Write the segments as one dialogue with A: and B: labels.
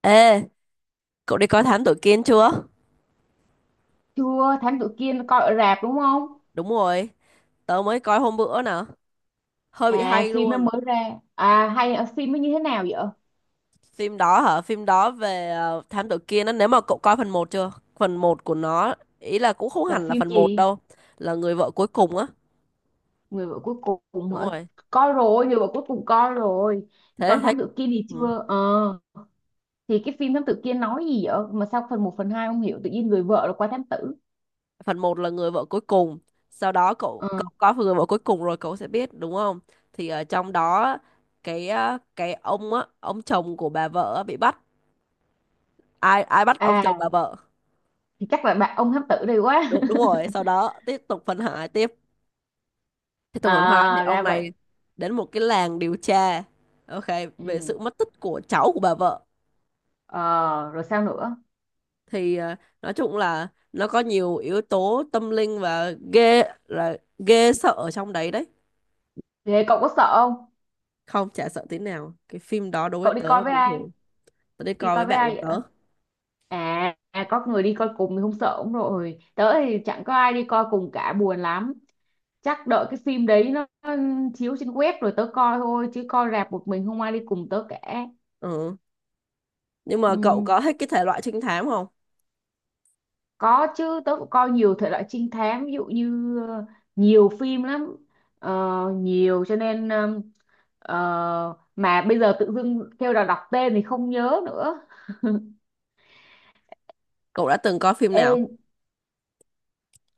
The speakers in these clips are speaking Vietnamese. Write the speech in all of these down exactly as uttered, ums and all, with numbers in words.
A: Ê, cậu đi coi Thám Tử Kiên chưa?
B: Chưa. Thám tử Kiên coi ở rạp đúng không?
A: Đúng rồi, tớ mới coi hôm bữa nè, hơi bị
B: À,
A: hay
B: phim nó
A: luôn.
B: mới ra. À, hay ở phim nó như thế nào vậy?
A: Phim đó hả? Phim đó về ờ, Thám Tử Kiên á, nếu mà cậu coi phần một chưa? Phần một của nó, ý là cũng không
B: Là
A: hẳn là
B: phim
A: phần một
B: gì?
A: đâu, là người vợ cuối cùng á.
B: Người vợ cuối cùng
A: Đúng
B: hả?
A: rồi,
B: Coi rồi. Người vợ cuối cùng coi rồi.
A: thế
B: Còn
A: thế
B: thám tử Kiên thì
A: ừ.
B: chưa ờ thì cái phim thám tử Kiên nói gì vậy mà sao phần một phần hai không hiểu tự nhiên người vợ là qua thám tử?
A: Phần một là người vợ cuối cùng, sau đó cậu
B: Ờ.
A: cậu coi người vợ cuối cùng rồi cậu sẽ biết, đúng không? Thì ở trong đó cái ờ, cái ông á, ông chồng của bà vợ á bị bắt. Ai ai bắt ông chồng bà
B: À,
A: vợ?
B: thì chắc là bạn ông thám tử đây quá.
A: Đúng đúng rồi sau đó tiếp tục phân hải tiếp, tiếp tục phân hai thì
B: À,
A: ông
B: ra vậy.
A: này đến một cái làng điều tra. Ok, về
B: Ừ.
A: sự mất tích của cháu của bà vợ.
B: Ờ, rồi sao nữa?
A: Thì ờ, nói chung là nó có nhiều yếu tố tâm linh và ghê là ghê sợ ở trong đấy đấy.
B: Thế cậu có sợ không?
A: Không, chả sợ tí nào, cái phim đó đối với
B: Cậu đi coi
A: tớ
B: với
A: bình
B: ai?
A: thường. Tớ đi
B: Đi
A: coi
B: coi
A: với
B: với
A: bạn
B: ai
A: của
B: vậy?
A: tớ.
B: À, à, có người đi coi cùng thì không sợ cũng rồi. Tớ thì chẳng có ai đi coi cùng cả buồn lắm. Chắc đợi cái phim đấy nó nó chiếu trên web rồi tớ coi thôi chứ coi rạp một mình không ai đi cùng tớ cả.
A: Ừ. Nhưng mà cậu
B: Ừm,
A: có hết cái thể loại trinh thám không?
B: có chứ tớ cũng coi nhiều thể loại trinh thám ví dụ như ờ, nhiều phim lắm. Ờ, Nhiều cho nên ờm, ờ, mà bây giờ tự dưng kêu là đọc tên thì không nhớ nữa.
A: Cậu đã từng coi phim
B: Ê
A: nào?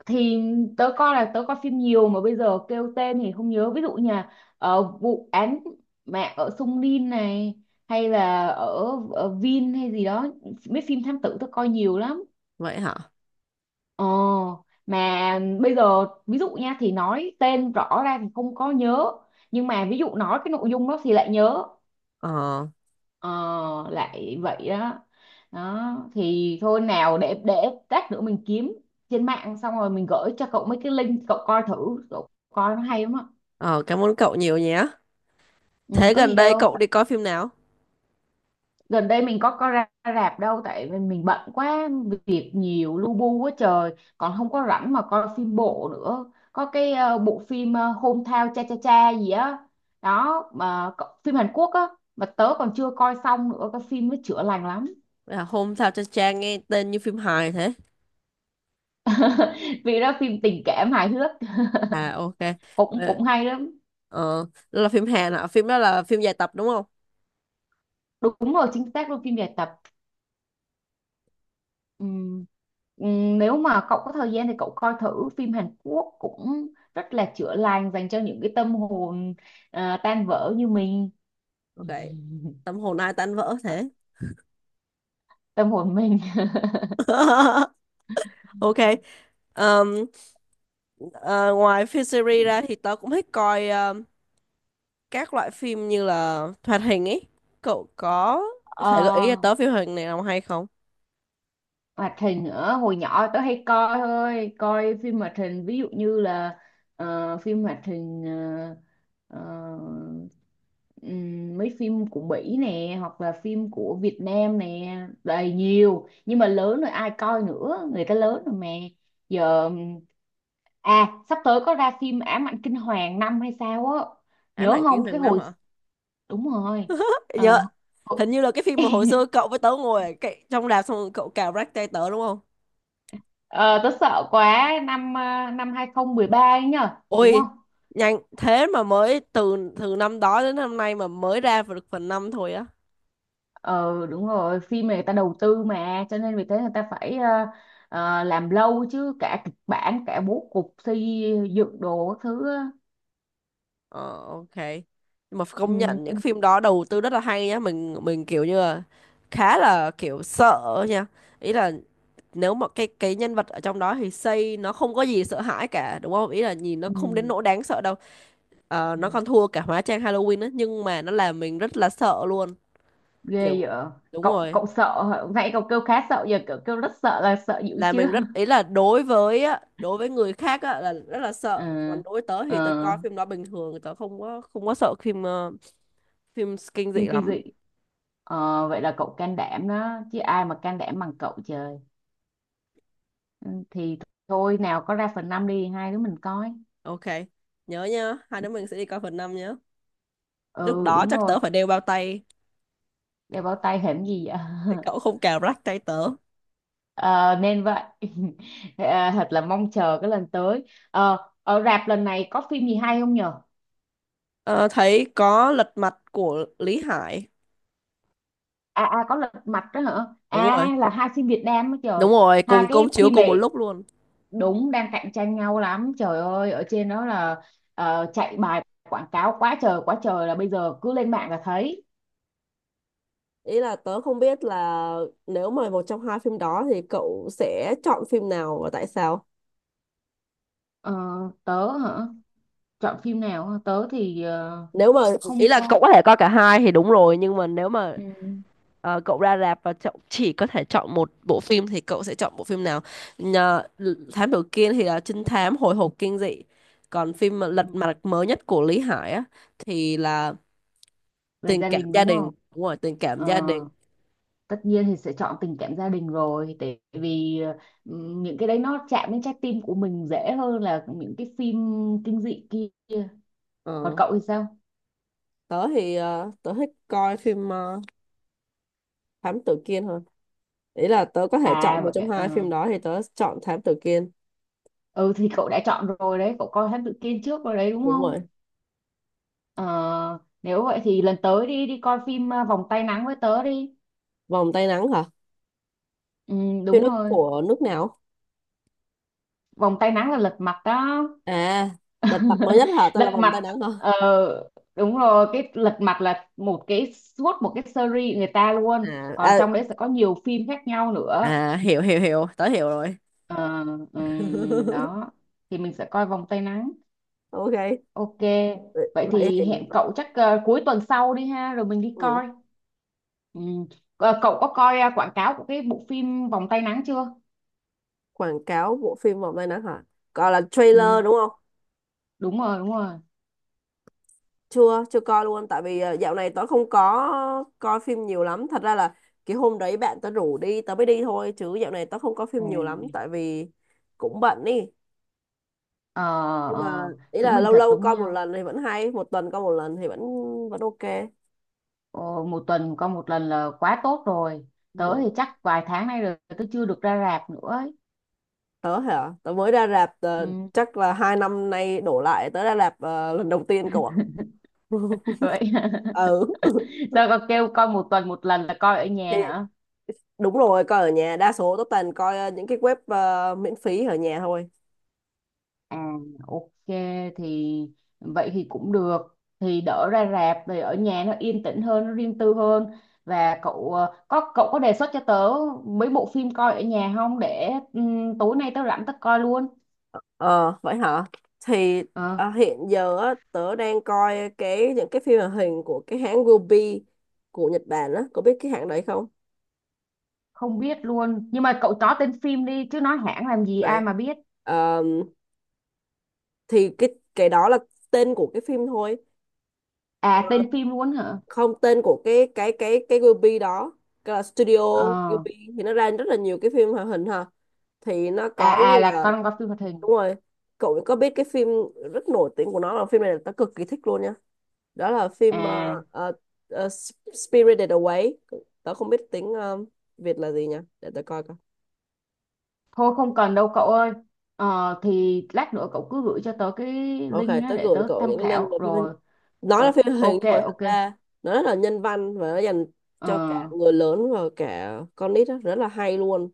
B: thì tớ coi là tớ coi phim nhiều mà bây giờ kêu tên thì không nhớ ví dụ như là ờ, vụ án mạng ở Sung Rin này hay là ở, ở Vin hay gì đó mấy phim thám tử tớ coi nhiều lắm
A: Vậy hả?
B: ờ mà bây giờ ví dụ nha thì nói tên rõ ra thì không có nhớ nhưng mà ví dụ nói cái nội dung đó thì lại nhớ.
A: ờ
B: Ờ, Lại vậy đó. Đó thì thôi nào để để lát nữa mình kiếm trên mạng xong rồi mình gửi cho cậu mấy cái link cậu coi thử cậu coi nó hay lắm á.
A: ờ Cảm ơn cậu nhiều nhé.
B: Ừ,
A: Thế
B: có
A: gần
B: gì
A: đây
B: đâu.
A: cậu đi coi phim nào?
B: Gần đây mình có có ra rạp đâu tại vì mình bận quá việc nhiều lu bu quá trời còn không có rảnh mà coi phim bộ nữa. Có cái ờ, bộ phim uh, Hometown Cha Cha Cha gì á đó mà cậu- phim Hàn Quốc á mà tớ còn chưa coi xong nữa cái phim nó chữa lành lắm.
A: Là hôm sao cho cha nghe tên như phim hài thế.
B: Vì đó phim tình cảm hài hước.
A: À, ok.
B: cũng
A: Ờ,
B: cũng hay lắm.
A: Ờ, Đó là phim Hàn hả? Phim đó là phim dài tập đúng không?
B: Đúng rồi chính xác luôn phim dài tập. Ừm, ừm, Nếu mà cậu có thời gian thì cậu coi thử phim Hàn Quốc cũng rất là chữa lành dành cho những cái tâm hồn à, tan vỡ như mình.
A: Ok. Tâm hồn ai tan vỡ
B: Ờ,
A: thế.
B: Tâm hồn mình.
A: Ok. Ờm, ờ, Ngoài phim series ra thì tớ cũng thích coi ờm, các loại phim như là hoạt hình ấy. Cậu có thể gợi ý cho
B: Ờ,
A: tớ phim hoạt hình này nào hay không?
B: Hoạt hình nữa hồi nhỏ tớ hay coi thôi coi phim hoạt hình ví dụ như là ờ, phim hoạt hình ờ, ờ, ừm, mấy phim của Mỹ nè hoặc là phim của Việt Nam nè đầy nhiều nhưng mà lớn rồi ai coi nữa người ta lớn rồi mà giờ. À, sắp tới có ra phim Ám ảnh kinh hoàng năm hay sao á.
A: Ám
B: Nhớ
A: ảnh
B: không
A: kiếm hàng
B: cái
A: năm
B: hồi?
A: hả?
B: Đúng rồi.
A: Nhớ.
B: Ờ.
A: Hình như là cái phim mà hồi xưa cậu với tớ ngồi ở cái, trong rạp xong rồi cậu cào rách tay tớ đúng không?
B: Ờ, Tớ sợ quá năm ờ, năm hai không một ba ấy nhở đúng
A: Ôi,
B: không?
A: nhanh thế mà mới từ từ năm đó đến năm nay mà mới ra được phần năm thôi á.
B: ờ Đúng rồi phim này người ta đầu tư mà cho nên vì thế người ta phải ờ, ờ, làm lâu chứ cả kịch bản cả bố cục xây dựng đồ các thứ á.
A: Ờ, ok. Nhưng mà công nhận những
B: Ừ,
A: phim đó đầu tư rất là hay nhá, mình mình kiểu như là khá là kiểu sợ nha. Ý là nếu mà cái cái nhân vật ở trong đó thì xây nó không có gì sợ hãi cả, đúng không? Ý là nhìn nó không đến
B: ừ,
A: nỗi đáng sợ đâu. Ờ,
B: ừ.
A: nó còn thua cả hóa trang Halloween á, nhưng mà nó làm mình rất là sợ luôn.
B: Ghê vậy.
A: Kiểu đúng
B: cậu
A: rồi.
B: cậu sợ hả? Nãy cậu kêu khá sợ giờ cậu kêu rất sợ là sợ dữ
A: Là
B: chưa?
A: mình rất, ý là đối với á, đối với người khác á, là rất là sợ,
B: ờ
A: còn đối với tớ thì tớ
B: ờ,
A: coi phim đó bình thường, tớ không có không có sợ phim ờ, phim kinh dị
B: Phim kinh
A: lắm.
B: dị. Ờ, vậy là cậu can đảm đó chứ ai mà can đảm bằng cậu trời. Ừ, thì thôi nào có ra phần năm đi hai đứa mình coi.
A: Ok, nhớ nhá, hai đứa mình sẽ đi coi phần năm nhá. Lúc
B: Ừ,
A: đó
B: đúng
A: chắc
B: rồi.
A: tớ phải đeo bao tay
B: Đeo bao tay hẻm gì vậy?
A: để cậu không cào rách tay tớ.
B: Ờ, Nên vậy. À, thật là mong chờ cái lần tới. Ờ, ở rạp lần này có phim gì hay không nhờ?
A: Ờ, Thấy có lật mặt của Lý Hải.
B: À, à, có lật mặt đó hả?
A: Đúng
B: À,
A: rồi,
B: là hai phim Việt Nam đó trời.
A: đúng rồi,
B: Hai
A: cùng
B: cái
A: công chiếu
B: phim
A: cùng một
B: này
A: lúc luôn.
B: đúng đang cạnh tranh nhau lắm trời ơi ở trên đó là ờ, chạy bài quảng cáo quá trời quá trời là bây giờ cứ lên mạng là thấy.
A: Ý là tớ không biết là, nếu mà một trong hai phim đó thì cậu sẽ chọn phim nào và tại sao?
B: Ờ, Tớ hả? Chọn phim nào hả? Tớ thì ờ,
A: Nếu mà, ý
B: không
A: là cậu
B: có.
A: có thể coi cả hai thì đúng rồi, nhưng mà nếu mà
B: Ừ.
A: ờ, cậu ra rạp và cậu chỉ có thể chọn một bộ phim thì cậu sẽ chọn bộ phim nào? Nhờ, thám tử Kiên thì là trinh thám hồi hộp kinh dị, còn phim mà Lật
B: Ừ,
A: mặt mới nhất của Lý Hải á thì là
B: về
A: tình
B: gia
A: cảm
B: đình
A: gia
B: đúng
A: đình.
B: không?
A: Đúng rồi, tình cảm gia
B: ờ,
A: đình.
B: Tất nhiên thì sẽ chọn tình cảm gia đình rồi tại vì ừ, những cái đấy nó chạm đến trái tim của mình dễ hơn là những cái phim kinh dị kia. Còn
A: Ờ,
B: cậu thì sao?
A: Tớ thì ờ, tớ thích coi phim ờ, thám tử Kiên hơn. Ý là tớ có thể
B: À
A: chọn một
B: vậy
A: trong
B: ạ,
A: hai
B: ờ.
A: phim đó thì tớ chọn thám tử Kiên.
B: Ừ, thì cậu đã chọn rồi đấy cậu coi Thám Tử Kiên trước rồi đấy đúng
A: Đúng
B: không?
A: rồi.
B: ờ, Nếu vậy thì lần tới đi đi coi phim à, Vòng Tay Nắng với tớ đi.
A: Vòng tay nắng hả?
B: Ừ,
A: Phim
B: đúng
A: đó
B: rồi.
A: của nước nào?
B: Vòng Tay Nắng là lật mặt đó.
A: À. Lịch mặt nổi nhất hả, tên là
B: Lật
A: vòng tay
B: mặt.
A: nắng hả?
B: ờ, Đúng rồi cái lật mặt là một cái suốt một cái series người ta luôn
A: À,
B: còn
A: à.
B: trong đấy sẽ có nhiều phim khác nhau nữa.
A: À, hiểu hiểu hiểu, tớ hiểu rồi.
B: Ờ, ừm, Đó thì mình sẽ coi vòng tay nắng.
A: Ok,
B: Ok. Vậy
A: vậy
B: thì
A: thì
B: hẹn cậu chắc ờ, cuối tuần sau đi ha rồi mình đi
A: ừ.
B: coi. Ừm. Ờ, cậu có coi ờ, quảng cáo của cái bộ phim vòng tay nắng chưa?
A: Quảng cáo bộ phim vòng tay nắng hả? Gọi là trailer
B: Ừm,
A: đúng không?
B: đúng rồi đúng rồi.
A: Chưa, chưa coi luôn, tại vì ờ, dạo này tớ không có coi phim nhiều lắm, thật ra là cái hôm đấy bạn tớ rủ đi tớ mới đi thôi, chứ dạo này tớ không có phim nhiều lắm,
B: Ừm.
A: tại vì cũng bận đi.
B: Ờ,
A: Nhưng mà
B: ờ,
A: ý
B: Chúng
A: là
B: mình
A: lâu
B: thật
A: lâu
B: giống
A: coi một
B: nhau.
A: lần thì vẫn hay, một tuần coi một lần thì vẫn vẫn ok.
B: Ồ, một tuần coi một lần là quá tốt rồi. Tớ thì
A: Ừ.
B: chắc vài tháng nay rồi tớ chưa được ra rạp nữa ấy.
A: Tớ hả, tớ mới ra rạp ờ,
B: Ừ.
A: chắc là hai năm nay đổ lại, tớ ra rạp ờ, lần đầu tiên cậu ạ.
B: Vậy,
A: Ừ.
B: sao con kêu coi một tuần một lần là coi ở
A: Thì
B: nhà hả?
A: đúng rồi, coi ở nhà đa số tớ toàn coi ờ, những cái web ờ, miễn phí ở nhà thôi.
B: À, ok. Thì vậy thì cũng được thì đỡ ra rạp thì ở nhà nó yên tĩnh hơn nó riêng tư hơn. Và cậu ờ, có cậu có đề xuất cho tớ mấy bộ phim coi ở nhà không để ừm, tối nay tớ rảnh tớ coi luôn.
A: Ờ, vậy hả? Thì
B: Ờ,
A: ờ, hiện giờ á, tớ đang coi cái những cái phim hoạt hình của cái hãng Ruby của Nhật Bản á, có biết cái hãng đấy không?
B: Không biết luôn nhưng mà cậu chó tên phim đi chứ nói hãng làm gì
A: Đấy.
B: ai mà biết.
A: Ờ, thì cái cái đó là tên của cái phim thôi.
B: À, tên phim luôn hả?
A: Không, tên của cái cái cái cái Ghibli đó, cái là Studio
B: Ờ.
A: Ghibli thì nó ra rất là nhiều cái phim hoạt hình ha, thì nó
B: À,
A: có như
B: à, là
A: là,
B: con coi phim hoạt hình.
A: đúng rồi. Cậu có biết cái phim rất nổi tiếng của nó là phim này, là tớ cực kỳ thích luôn nha, đó là phim ờ,
B: À,
A: ờ, ờ, Spirited Away. Tớ không biết tiếng ờ, Việt là gì nha, để tớ coi coi.
B: thôi không cần đâu cậu ơi. Ờ thì lát nữa cậu cứ gửi cho tớ cái
A: Ok,
B: link á
A: tớ
B: để
A: gửi
B: tớ
A: cậu
B: tham
A: những cái link
B: khảo
A: về phim.
B: rồi.
A: Nó là
B: O,
A: phim hoạt hình
B: ok
A: nhưng mà thật
B: ok.
A: ra nó rất là nhân văn và nó dành cho cả
B: Ờ,
A: người lớn và cả con nít á, rất là hay luôn.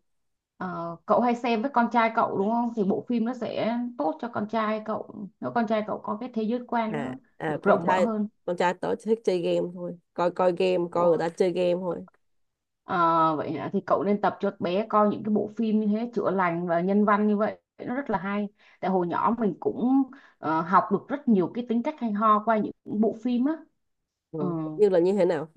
B: ờ, Cậu hay xem với con trai cậu đúng không? Thì bộ phim nó sẽ tốt cho con trai cậu. Nếu con trai cậu có cái thế giới quan
A: À,
B: nó
A: à,
B: được
A: con
B: rộng mở
A: trai
B: hơn.
A: con trai tớ thích chơi game thôi, coi coi game coi người ta chơi game thôi.
B: Ờ, Vậy hả? Thì cậu nên tập cho bé coi những cái bộ phim như thế chữa lành và nhân văn như vậy nó rất là hay. Tại hồi nhỏ mình cũng ờ, học được rất nhiều cái tính cách hay ho qua những bộ phim á.
A: Ừ.
B: Ừ,
A: Như là như thế nào?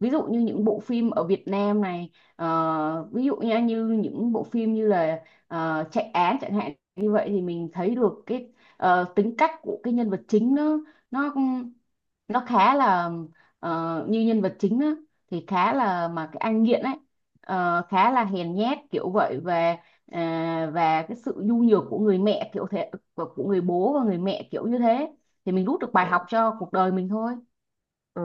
B: ví dụ như những bộ phim ở Việt Nam này ờ, ví dụ nha như những bộ phim như là ờ, chạy án chẳng hạn như vậy thì mình thấy được cái ờ, tính cách của cái nhân vật chính nó nó nó khá là ờ, như nhân vật chính á, thì khá là mà cái anh nghiện ấy ờ, khá là hèn nhát kiểu vậy và à, và cái sự nhu nhược của người mẹ kiểu thế của của người bố và người mẹ kiểu như thế thì mình rút được bài học
A: Ok.
B: cho cuộc đời mình thôi.
A: ờ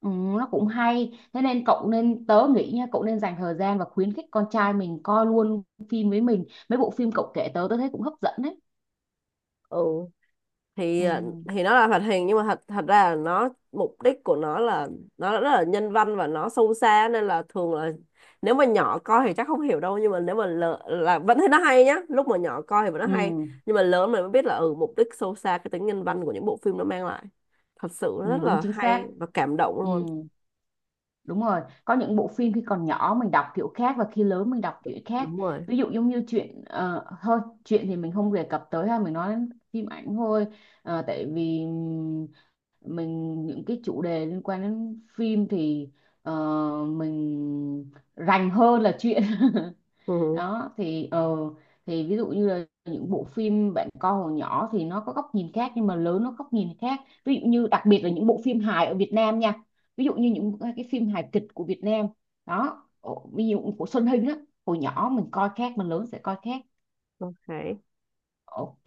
B: Ừ, nó cũng hay thế nên cậu nên tớ nghĩ nha cậu nên dành thời gian và khuyến khích con trai mình coi luôn phim với mình mấy bộ phim cậu kể tớ tớ thấy cũng hấp dẫn đấy.
A: ừ thì à,
B: Ừ,
A: thì nó là hoạt hình nhưng mà thật thật ra là nó, mục đích của nó là nó rất là nhân văn và nó sâu xa, nên là thường là nếu mà nhỏ coi thì chắc không hiểu đâu, nhưng mà nếu mà lợ, là vẫn thấy nó hay nhá, lúc mà nhỏ coi thì vẫn nó hay,
B: ừ,
A: nhưng mà lớn mình mới biết là, ừ, mục đích sâu xa cái tính nhân văn của những bộ phim nó mang lại thật sự
B: ừ,
A: rất
B: đúng
A: là
B: chính
A: hay
B: xác.
A: và cảm động
B: Ừ,
A: luôn.
B: đúng rồi có những bộ phim khi còn nhỏ mình đọc kiểu khác và khi lớn mình đọc kiểu khác.
A: Đúng rồi.
B: Ví dụ giống như chuyện ờ, thôi chuyện thì mình không đề cập tới ha mình nói đến phim ảnh thôi. Ờ, tại vì mình những cái chủ đề liên quan đến phim thì ờ, mình rành hơn là chuyện.
A: Ừ.
B: Đó thì ờ, thì ví dụ như là những bộ phim bạn coi hồi nhỏ thì nó có góc nhìn khác nhưng mà lớn nó góc nhìn khác. Ví dụ như đặc biệt là những bộ phim hài ở Việt Nam nha ví dụ như những cái phim hài kịch của Việt Nam đó ví dụ của Xuân Hinh á hồi nhỏ mình coi khác mình lớn sẽ coi khác.
A: Ok.
B: Ok,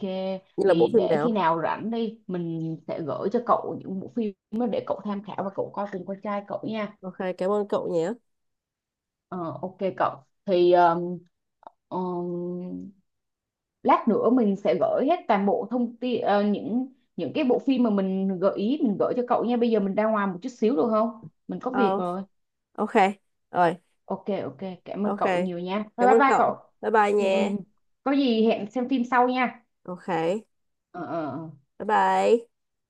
A: Như là bộ
B: thì
A: phim
B: để khi
A: nào?
B: nào rảnh đi, mình sẽ gửi cho cậu những bộ phim đó để cậu tham khảo và cậu coi cùng con trai cậu nha.
A: Ok, cảm ơn cậu nhé.
B: Ờ, ok cậu, thì um, um, lát nữa mình sẽ gửi hết toàn bộ thông tin ờ, những những cái bộ phim mà mình gợi ý mình gửi cho cậu nha. Bây giờ mình ra ngoài một chút xíu được không? Mình có việc
A: Ờ,
B: rồi.
A: ok, rồi.
B: Ok, ok, cảm ơn
A: Ok,
B: cậu nhiều nha. Bye
A: cảm
B: bye
A: ơn
B: bye
A: cậu.
B: cậu.
A: Bye bye
B: Ừ, ừ.
A: nha.
B: Có gì hẹn xem phim sau nha.
A: Ok,
B: Ờ, ờ, ờ.
A: bye bye.